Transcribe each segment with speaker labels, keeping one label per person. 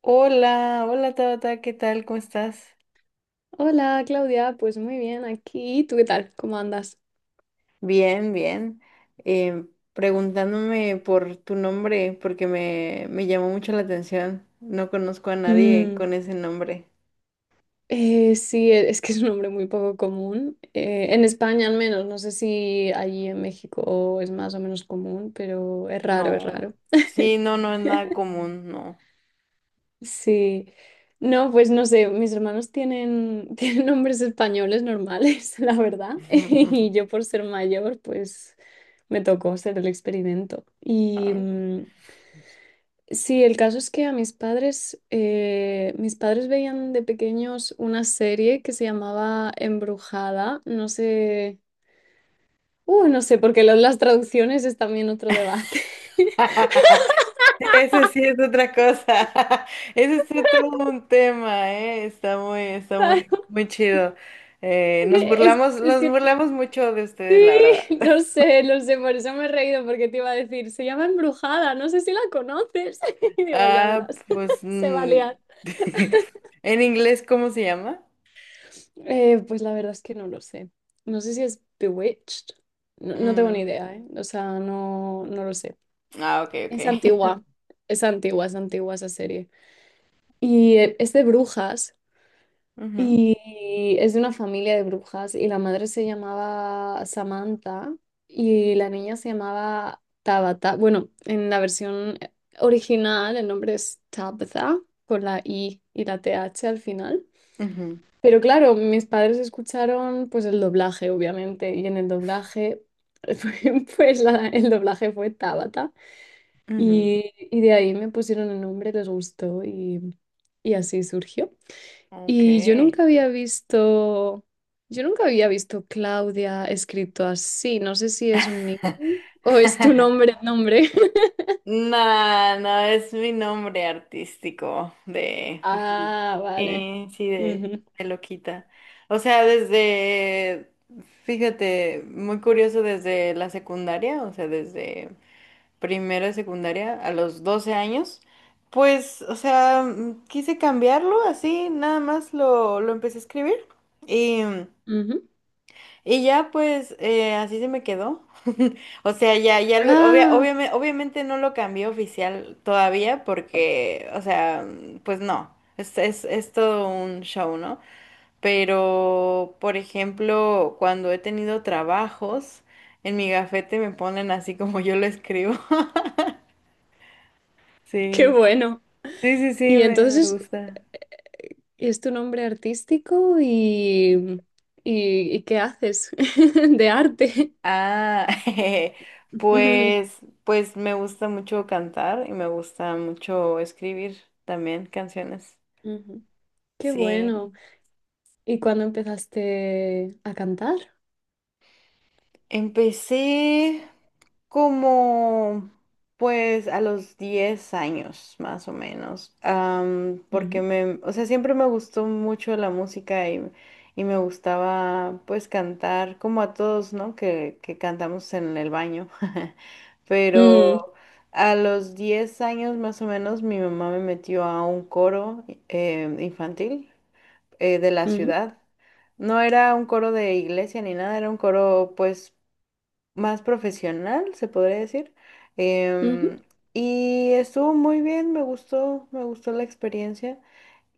Speaker 1: Hola, hola Tabata, ¿qué tal? ¿Cómo estás?
Speaker 2: Hola Claudia, pues muy bien aquí. ¿Tú qué tal? ¿Cómo andas?
Speaker 1: Bien, bien. Eh, preguntándome por tu nombre porque me llamó mucho la atención. No conozco a nadie con
Speaker 2: Mm.
Speaker 1: ese nombre.
Speaker 2: Sí, es que es un nombre muy poco común. En España al menos, no sé si allí en México es más o menos común, pero es raro, es
Speaker 1: No.
Speaker 2: raro.
Speaker 1: Sí, no, no es nada común, no.
Speaker 2: Sí. No, pues no sé, mis hermanos tienen, tienen nombres españoles normales, la verdad. Y yo por ser mayor, pues me tocó hacer el experimento.
Speaker 1: A ver.
Speaker 2: Sí, el caso es que a mis padres veían de pequeños una serie que se llamaba Embrujada. No sé, no sé, porque las traducciones es también otro debate.
Speaker 1: Sí, ese sí es otra cosa. Ese es todo un tema, ¿eh? Está muy, muy chido.
Speaker 2: Es, es
Speaker 1: Nos
Speaker 2: que
Speaker 1: burlamos mucho de
Speaker 2: sí,
Speaker 1: ustedes, la verdad.
Speaker 2: no sé, no sé, por eso me he reído, porque te iba a decir, se llama Embrujada, no sé si la conoces. Y digo, ya
Speaker 1: Ah,
Speaker 2: verás,
Speaker 1: pues
Speaker 2: se va a liar.
Speaker 1: en inglés, ¿cómo se llama?
Speaker 2: Pues la verdad es que no lo sé. No sé si es Bewitched. No, no tengo ni
Speaker 1: Mm,
Speaker 2: idea, ¿eh? O sea, no, no lo sé.
Speaker 1: ah, ok,
Speaker 2: Es
Speaker 1: ok.
Speaker 2: antigua, es antigua, es antigua esa serie. Es de brujas,
Speaker 1: Ujú,
Speaker 2: y es de una familia de brujas, y la madre se llamaba Samantha, y la niña se llamaba Tabata. Bueno, en la versión original el nombre es Tabitha, con la I y la TH al final.
Speaker 1: ujú,
Speaker 2: Pero claro, mis padres escucharon pues el doblaje, obviamente, y en el doblaje, pues el doblaje fue Tabata.
Speaker 1: ujú.
Speaker 2: Y de ahí me pusieron el nombre, les gustó y así surgió. Y yo
Speaker 1: Okay.
Speaker 2: nunca había visto, yo nunca había visto Claudia escrito así. No sé si es un nickname o es tu nombre, nombre.
Speaker 1: No, no, es mi nombre artístico
Speaker 2: Ah, vale.
Speaker 1: eh, sí, de,
Speaker 2: Ujú,
Speaker 1: de loquita. O sea, desde, fíjate, muy curioso desde la secundaria, o sea, desde primero de secundaria a los 12 años, pues, o sea, quise cambiarlo así, nada más lo empecé a escribir y,
Speaker 2: ujú.
Speaker 1: y ya pues así se me quedó. O sea,
Speaker 2: Ah,
Speaker 1: obviamente, no lo cambié oficial todavía porque, o sea, pues no, es todo un show, ¿no? Pero, por ejemplo, cuando he tenido trabajos, en mi gafete me ponen así como yo lo escribo.
Speaker 2: qué
Speaker 1: Sí,
Speaker 2: bueno.
Speaker 1: sí, sí, sí,
Speaker 2: Y
Speaker 1: me
Speaker 2: entonces,
Speaker 1: gusta.
Speaker 2: ¿es tu nombre artístico y qué haces de arte?
Speaker 1: Ah, pues, pues me gusta mucho cantar y me gusta mucho escribir también canciones.
Speaker 2: Ujú. Qué bueno.
Speaker 1: Sí.
Speaker 2: ¿Y cuándo empezaste a cantar?
Speaker 1: Empecé. Como pues a los 10 años más o menos, porque
Speaker 2: Ujú.
Speaker 1: o sea, siempre me gustó mucho la música y me gustaba pues cantar como a todos, ¿no? Que cantamos en el baño,
Speaker 2: Mm,
Speaker 1: pero a los 10 años más o menos mi mamá me metió a un coro infantil de la
Speaker 2: ujú,
Speaker 1: ciudad. No era un coro de iglesia ni nada, era un coro pues más profesional, se podría decir.
Speaker 2: ujú,
Speaker 1: Em, y estuvo muy bien, me gustó la experiencia.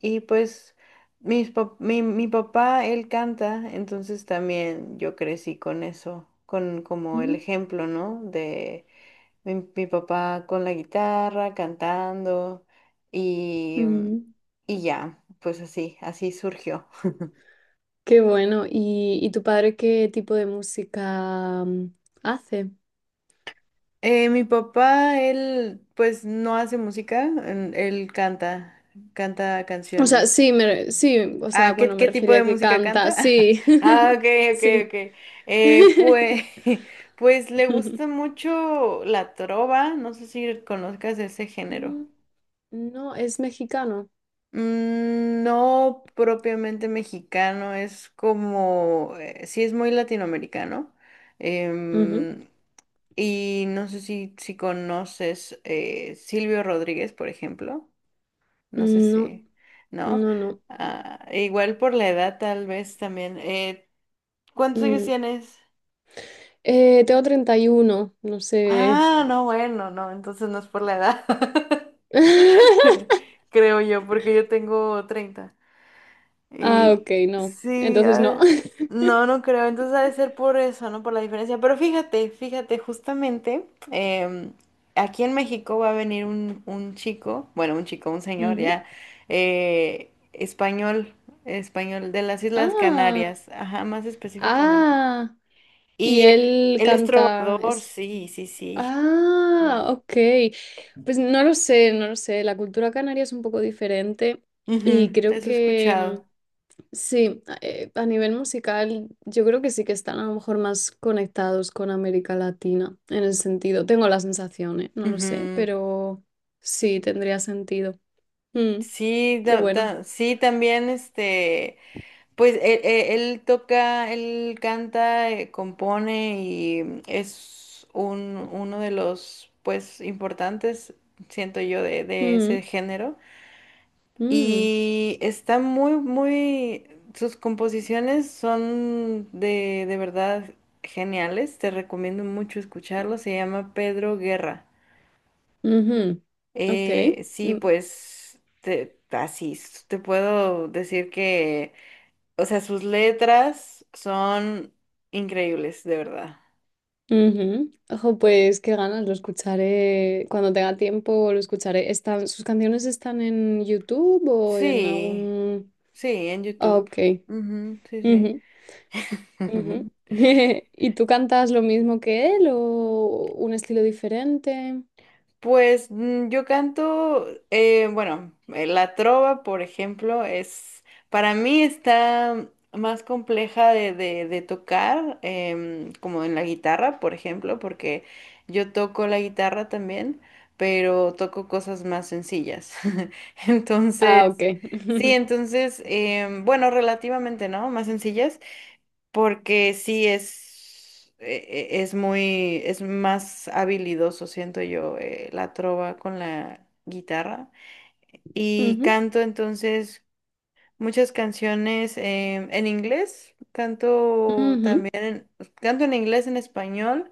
Speaker 1: Y pues mi papá, él canta, entonces también yo crecí con eso, con como el
Speaker 2: ujú,
Speaker 1: ejemplo, ¿no? De mi papá con la guitarra, cantando y,
Speaker 2: ujú.
Speaker 1: y ya, pues así, así surgió.
Speaker 2: Qué bueno. ¿Y tu padre qué tipo de música hace?
Speaker 1: Mi papá, él pues no hace música, él canta, canta
Speaker 2: O sea,
Speaker 1: canciones.
Speaker 2: sí, sí, o sea,
Speaker 1: Ah,
Speaker 2: bueno, me
Speaker 1: qué tipo
Speaker 2: refería a
Speaker 1: de
Speaker 2: que
Speaker 1: música
Speaker 2: canta,
Speaker 1: canta?
Speaker 2: sí,
Speaker 1: Ah, ok, ok,
Speaker 2: sí.
Speaker 1: ok. Pues, pues le gusta mucho la trova, no sé si conozcas ese género.
Speaker 2: Mm. No, es mexicano.
Speaker 1: Mm, no propiamente mexicano, es como, sí es muy latinoamericano.
Speaker 2: Ujú.
Speaker 1: Em, Y no sé si conoces Silvio Rodríguez, por ejemplo. No sé
Speaker 2: No,
Speaker 1: si, ¿no?
Speaker 2: no, no.
Speaker 1: Ah, e igual por la edad, tal vez también. ¿Cuántos años
Speaker 2: Mm.
Speaker 1: tienes?
Speaker 2: Tengo 31, no sé.
Speaker 1: Ah, no, bueno, no, entonces no es por la edad. Creo yo, porque yo tengo 30
Speaker 2: Ah,
Speaker 1: y
Speaker 2: ok, no.
Speaker 1: sí,
Speaker 2: Entonces no.
Speaker 1: ah, no, no creo. Entonces ha de ser por eso, ¿no? Por la diferencia. Pero fíjate, fíjate, justamente aquí en México va a venir un chico, bueno, un chico, un señor
Speaker 2: Ujú.
Speaker 1: ya, español, español de las Islas
Speaker 2: Ah,
Speaker 1: Canarias, ajá, más específicamente.
Speaker 2: ah, y
Speaker 1: Y él,
Speaker 2: él
Speaker 1: él es
Speaker 2: canta,
Speaker 1: trovador,
Speaker 2: es,
Speaker 1: sí, sí, sí.
Speaker 2: ah,
Speaker 1: Sí.
Speaker 2: ok, pues no lo sé, no lo sé, la cultura canaria es un poco diferente y
Speaker 1: Ujú,
Speaker 2: creo
Speaker 1: eso he
Speaker 2: que
Speaker 1: escuchado.
Speaker 2: sí, a nivel musical yo creo que sí que están a lo mejor más conectados con América Latina en el sentido, tengo la sensación, no lo sé,
Speaker 1: Ujú.
Speaker 2: pero sí, tendría sentido. Mm, qué bueno.
Speaker 1: Sí, también este. Pues él, él toca, él canta, compone y es un, uno de los pues importantes, siento yo, de ese
Speaker 2: Mm,
Speaker 1: género.
Speaker 2: mm,
Speaker 1: Y está muy, muy, sus composiciones son de verdad geniales. Te recomiendo mucho escucharlo. Se llama Pedro Guerra.
Speaker 2: ujú. Ok.
Speaker 1: Sí,
Speaker 2: Mm.
Speaker 1: pues te puedo decir que o sea, sus letras son increíbles, de verdad.
Speaker 2: Ujú. Ojo, pues qué ganas, lo escucharé cuando tenga tiempo, lo escucharé. ¿Están, sus canciones están en YouTube o en
Speaker 1: Sí,
Speaker 2: algún?
Speaker 1: sí, en
Speaker 2: Ah,
Speaker 1: YouTube.
Speaker 2: ok.
Speaker 1: Ujú, sí, sí.
Speaker 2: Ujú, ujú. ¿Y tú cantas lo mismo que él o un estilo diferente?
Speaker 1: Pues yo canto, bueno, la trova, por ejemplo, es, para mí está más compleja de tocar, como en la guitarra, por ejemplo, porque yo toco la guitarra también, pero toco cosas más sencillas. Entonces...
Speaker 2: Ah, ok.
Speaker 1: Sí, entonces, bueno, relativamente, ¿no? Más sencillas, porque sí es muy, es más habilidoso, siento yo, la trova con la guitarra. Y
Speaker 2: Ujú,
Speaker 1: canto entonces muchas canciones en inglés, canto
Speaker 2: ujú,
Speaker 1: también, canto en inglés, en español,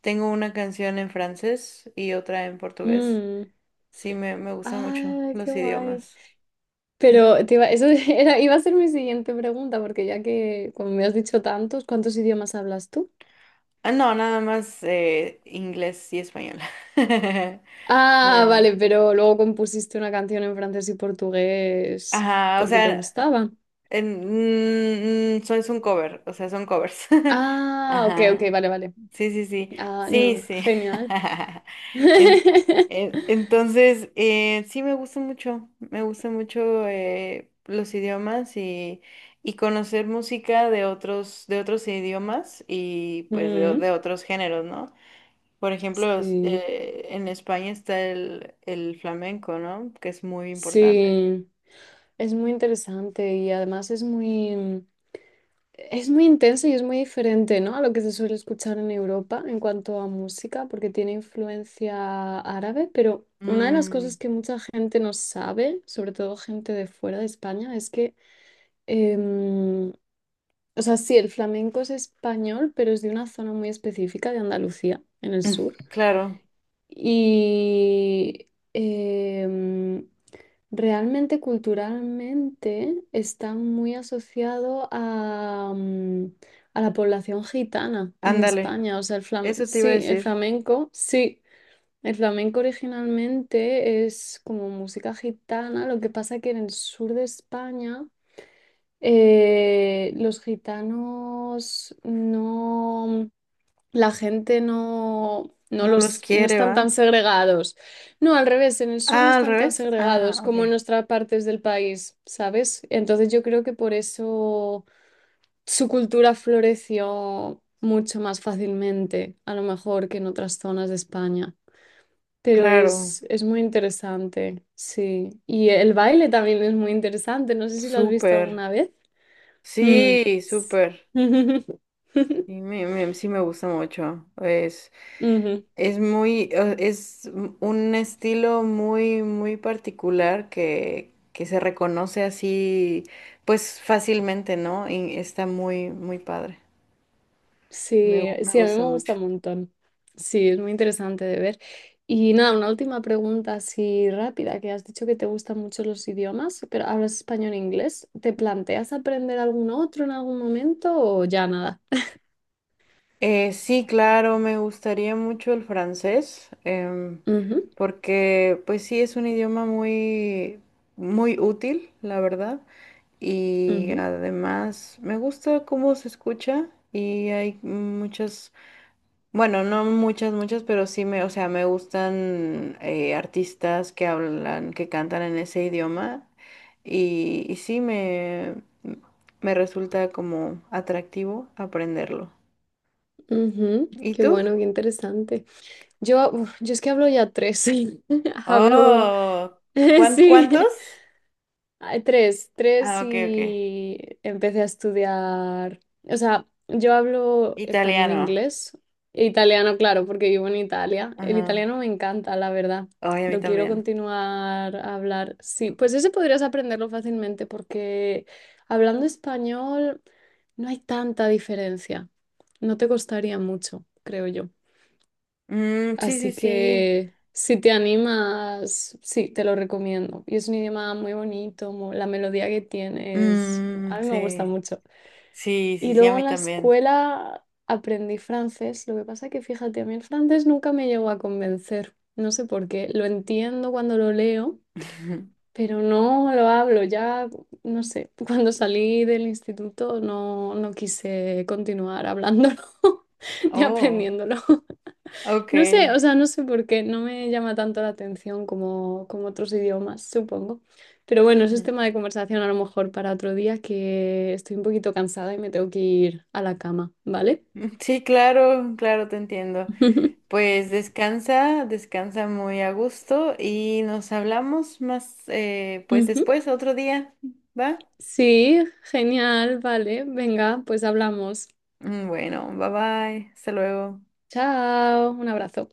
Speaker 1: tengo una canción en francés y otra en portugués.
Speaker 2: mm.
Speaker 1: Sí, me gustan mucho
Speaker 2: Ah, qué
Speaker 1: los
Speaker 2: guay.
Speaker 1: idiomas.
Speaker 2: Pero te iba, eso era, iba a ser mi siguiente pregunta, porque ya que, como me has dicho tantos, ¿cuántos idiomas hablas tú?
Speaker 1: Ah, no, nada más inglés y español.
Speaker 2: Ah,
Speaker 1: Bien.
Speaker 2: vale, pero luego compusiste una canción en francés y portugués
Speaker 1: Ajá, o
Speaker 2: porque te
Speaker 1: sea,
Speaker 2: gustaba.
Speaker 1: en, mm, mm, so- es un cover, o sea, son covers.
Speaker 2: Ah, ok,
Speaker 1: Ajá,
Speaker 2: ok, vale, vale.
Speaker 1: sí, sí, sí,
Speaker 2: Ah,
Speaker 1: sí,
Speaker 2: no,
Speaker 1: sí.
Speaker 2: genial.
Speaker 1: En- entonces, sí me gusta mucho los idiomas y conocer música de otros idiomas y pues
Speaker 2: Mm,
Speaker 1: de otros géneros, ¿no? Por ejemplo,
Speaker 2: sí,
Speaker 1: en España está el flamenco, ¿no? Que es muy importante.
Speaker 2: sí. Es muy interesante y además es muy intenso y es muy diferente, ¿no? A lo que se suele escuchar en Europa en cuanto a música, porque tiene influencia árabe, pero una de las cosas
Speaker 1: Mm,
Speaker 2: que mucha gente no sabe, sobre todo gente de fuera de España, es que, Em, o sea, sí, el flamenco es español, pero es de una zona muy específica de Andalucía, en el sur.
Speaker 1: claro,
Speaker 2: Y realmente culturalmente está muy asociado a, a la población gitana en
Speaker 1: ándale,
Speaker 2: España. O sea,
Speaker 1: eso te iba a decir.
Speaker 2: sí. El flamenco originalmente es como música gitana, lo que pasa que en el sur de España los gitanos no, la gente no, no
Speaker 1: No los
Speaker 2: los, no
Speaker 1: quiere,
Speaker 2: están tan
Speaker 1: ¿va?
Speaker 2: segregados. No, al revés, en el sur no
Speaker 1: Ah, al
Speaker 2: están tan
Speaker 1: revés.
Speaker 2: segregados
Speaker 1: Ah, ok.
Speaker 2: como en otras partes del país, ¿sabes? Entonces yo creo que por eso su cultura floreció mucho más fácilmente, a lo mejor que en otras zonas de España. Pero
Speaker 1: Claro,
Speaker 2: es muy interesante, sí. Y el baile también es muy interesante. No sé si lo has visto
Speaker 1: súper.
Speaker 2: alguna vez. Mm.
Speaker 1: Sí,
Speaker 2: S-
Speaker 1: súper. Sí sí me gusta mucho.
Speaker 2: Ujú.
Speaker 1: Es muy, es un estilo muy, muy particular que se reconoce así, pues fácilmente, ¿no? Y está muy, muy padre.
Speaker 2: Sí,
Speaker 1: Me
Speaker 2: sí, a mí
Speaker 1: gusta
Speaker 2: me
Speaker 1: mucho.
Speaker 2: gusta un montón. Sí, es muy interesante de ver. Y nada, una última pregunta así rápida, que has dicho que te gustan mucho los idiomas, pero hablas español e inglés. ¿Te planteas aprender algún otro en algún momento o ya nada?
Speaker 1: Sí, claro, me gustaría mucho el francés,
Speaker 2: Ujú,
Speaker 1: porque pues sí, es un idioma muy, muy útil, la verdad. Y
Speaker 2: ujú,
Speaker 1: además me gusta cómo se escucha y hay muchas, bueno, no muchas, muchas, pero sí me, o sea, me gustan artistas que hablan, que cantan en ese idioma y sí me resulta como atractivo aprenderlo.
Speaker 2: ujú.
Speaker 1: ¿Y
Speaker 2: Qué
Speaker 1: tú?
Speaker 2: bueno, qué interesante. Yo, uf, yo es que hablo ya tres. Hablo,
Speaker 1: Oh,
Speaker 2: sí,
Speaker 1: ¿cuántos?
Speaker 2: ah, tres, tres
Speaker 1: Ah, ok, ok.
Speaker 2: y empecé a estudiar. O sea, yo hablo español, e
Speaker 1: Italiano.
Speaker 2: inglés e italiano, claro, porque vivo en Italia. El
Speaker 1: Ajá.
Speaker 2: italiano me encanta, la verdad.
Speaker 1: Ay, a mí
Speaker 2: Lo quiero
Speaker 1: también.
Speaker 2: continuar a hablar. Sí, pues ese podrías aprenderlo fácilmente porque hablando español no hay tanta diferencia. No te costaría mucho, creo yo.
Speaker 1: Mm, sí, sí,
Speaker 2: Así
Speaker 1: sí.
Speaker 2: que si te animas, sí, te lo recomiendo. Y es un idioma muy bonito, la melodía que tiene
Speaker 1: Mm,
Speaker 2: a mí me gusta
Speaker 1: sí.
Speaker 2: mucho.
Speaker 1: Sí,
Speaker 2: Y
Speaker 1: sí, sí, a
Speaker 2: luego
Speaker 1: mí
Speaker 2: en la
Speaker 1: también.
Speaker 2: escuela aprendí francés, lo que pasa que fíjate, a mí el francés nunca me llegó a convencer, no sé por qué, lo entiendo cuando lo leo, pero no lo hablo, ya, no sé, cuando salí del instituto no, no quise continuar hablándolo ni
Speaker 1: Oh,
Speaker 2: aprendiéndolo.
Speaker 1: ok.
Speaker 2: No sé, o sea, no sé por qué, no me llama tanto la atención como otros idiomas, supongo. Pero bueno, eso es tema de conversación a lo mejor para otro día que estoy un poquito cansada y me tengo que ir a la cama, ¿vale?
Speaker 1: Sí, claro, claro, te entiendo. Pues descansa, descansa muy a gusto y nos hablamos más, pues
Speaker 2: Ujú.
Speaker 1: después, otro día, ¿va?
Speaker 2: Sí, genial, vale. Venga, pues hablamos.
Speaker 1: Mm, bueno, bye bye, hasta luego.
Speaker 2: Chao, un abrazo.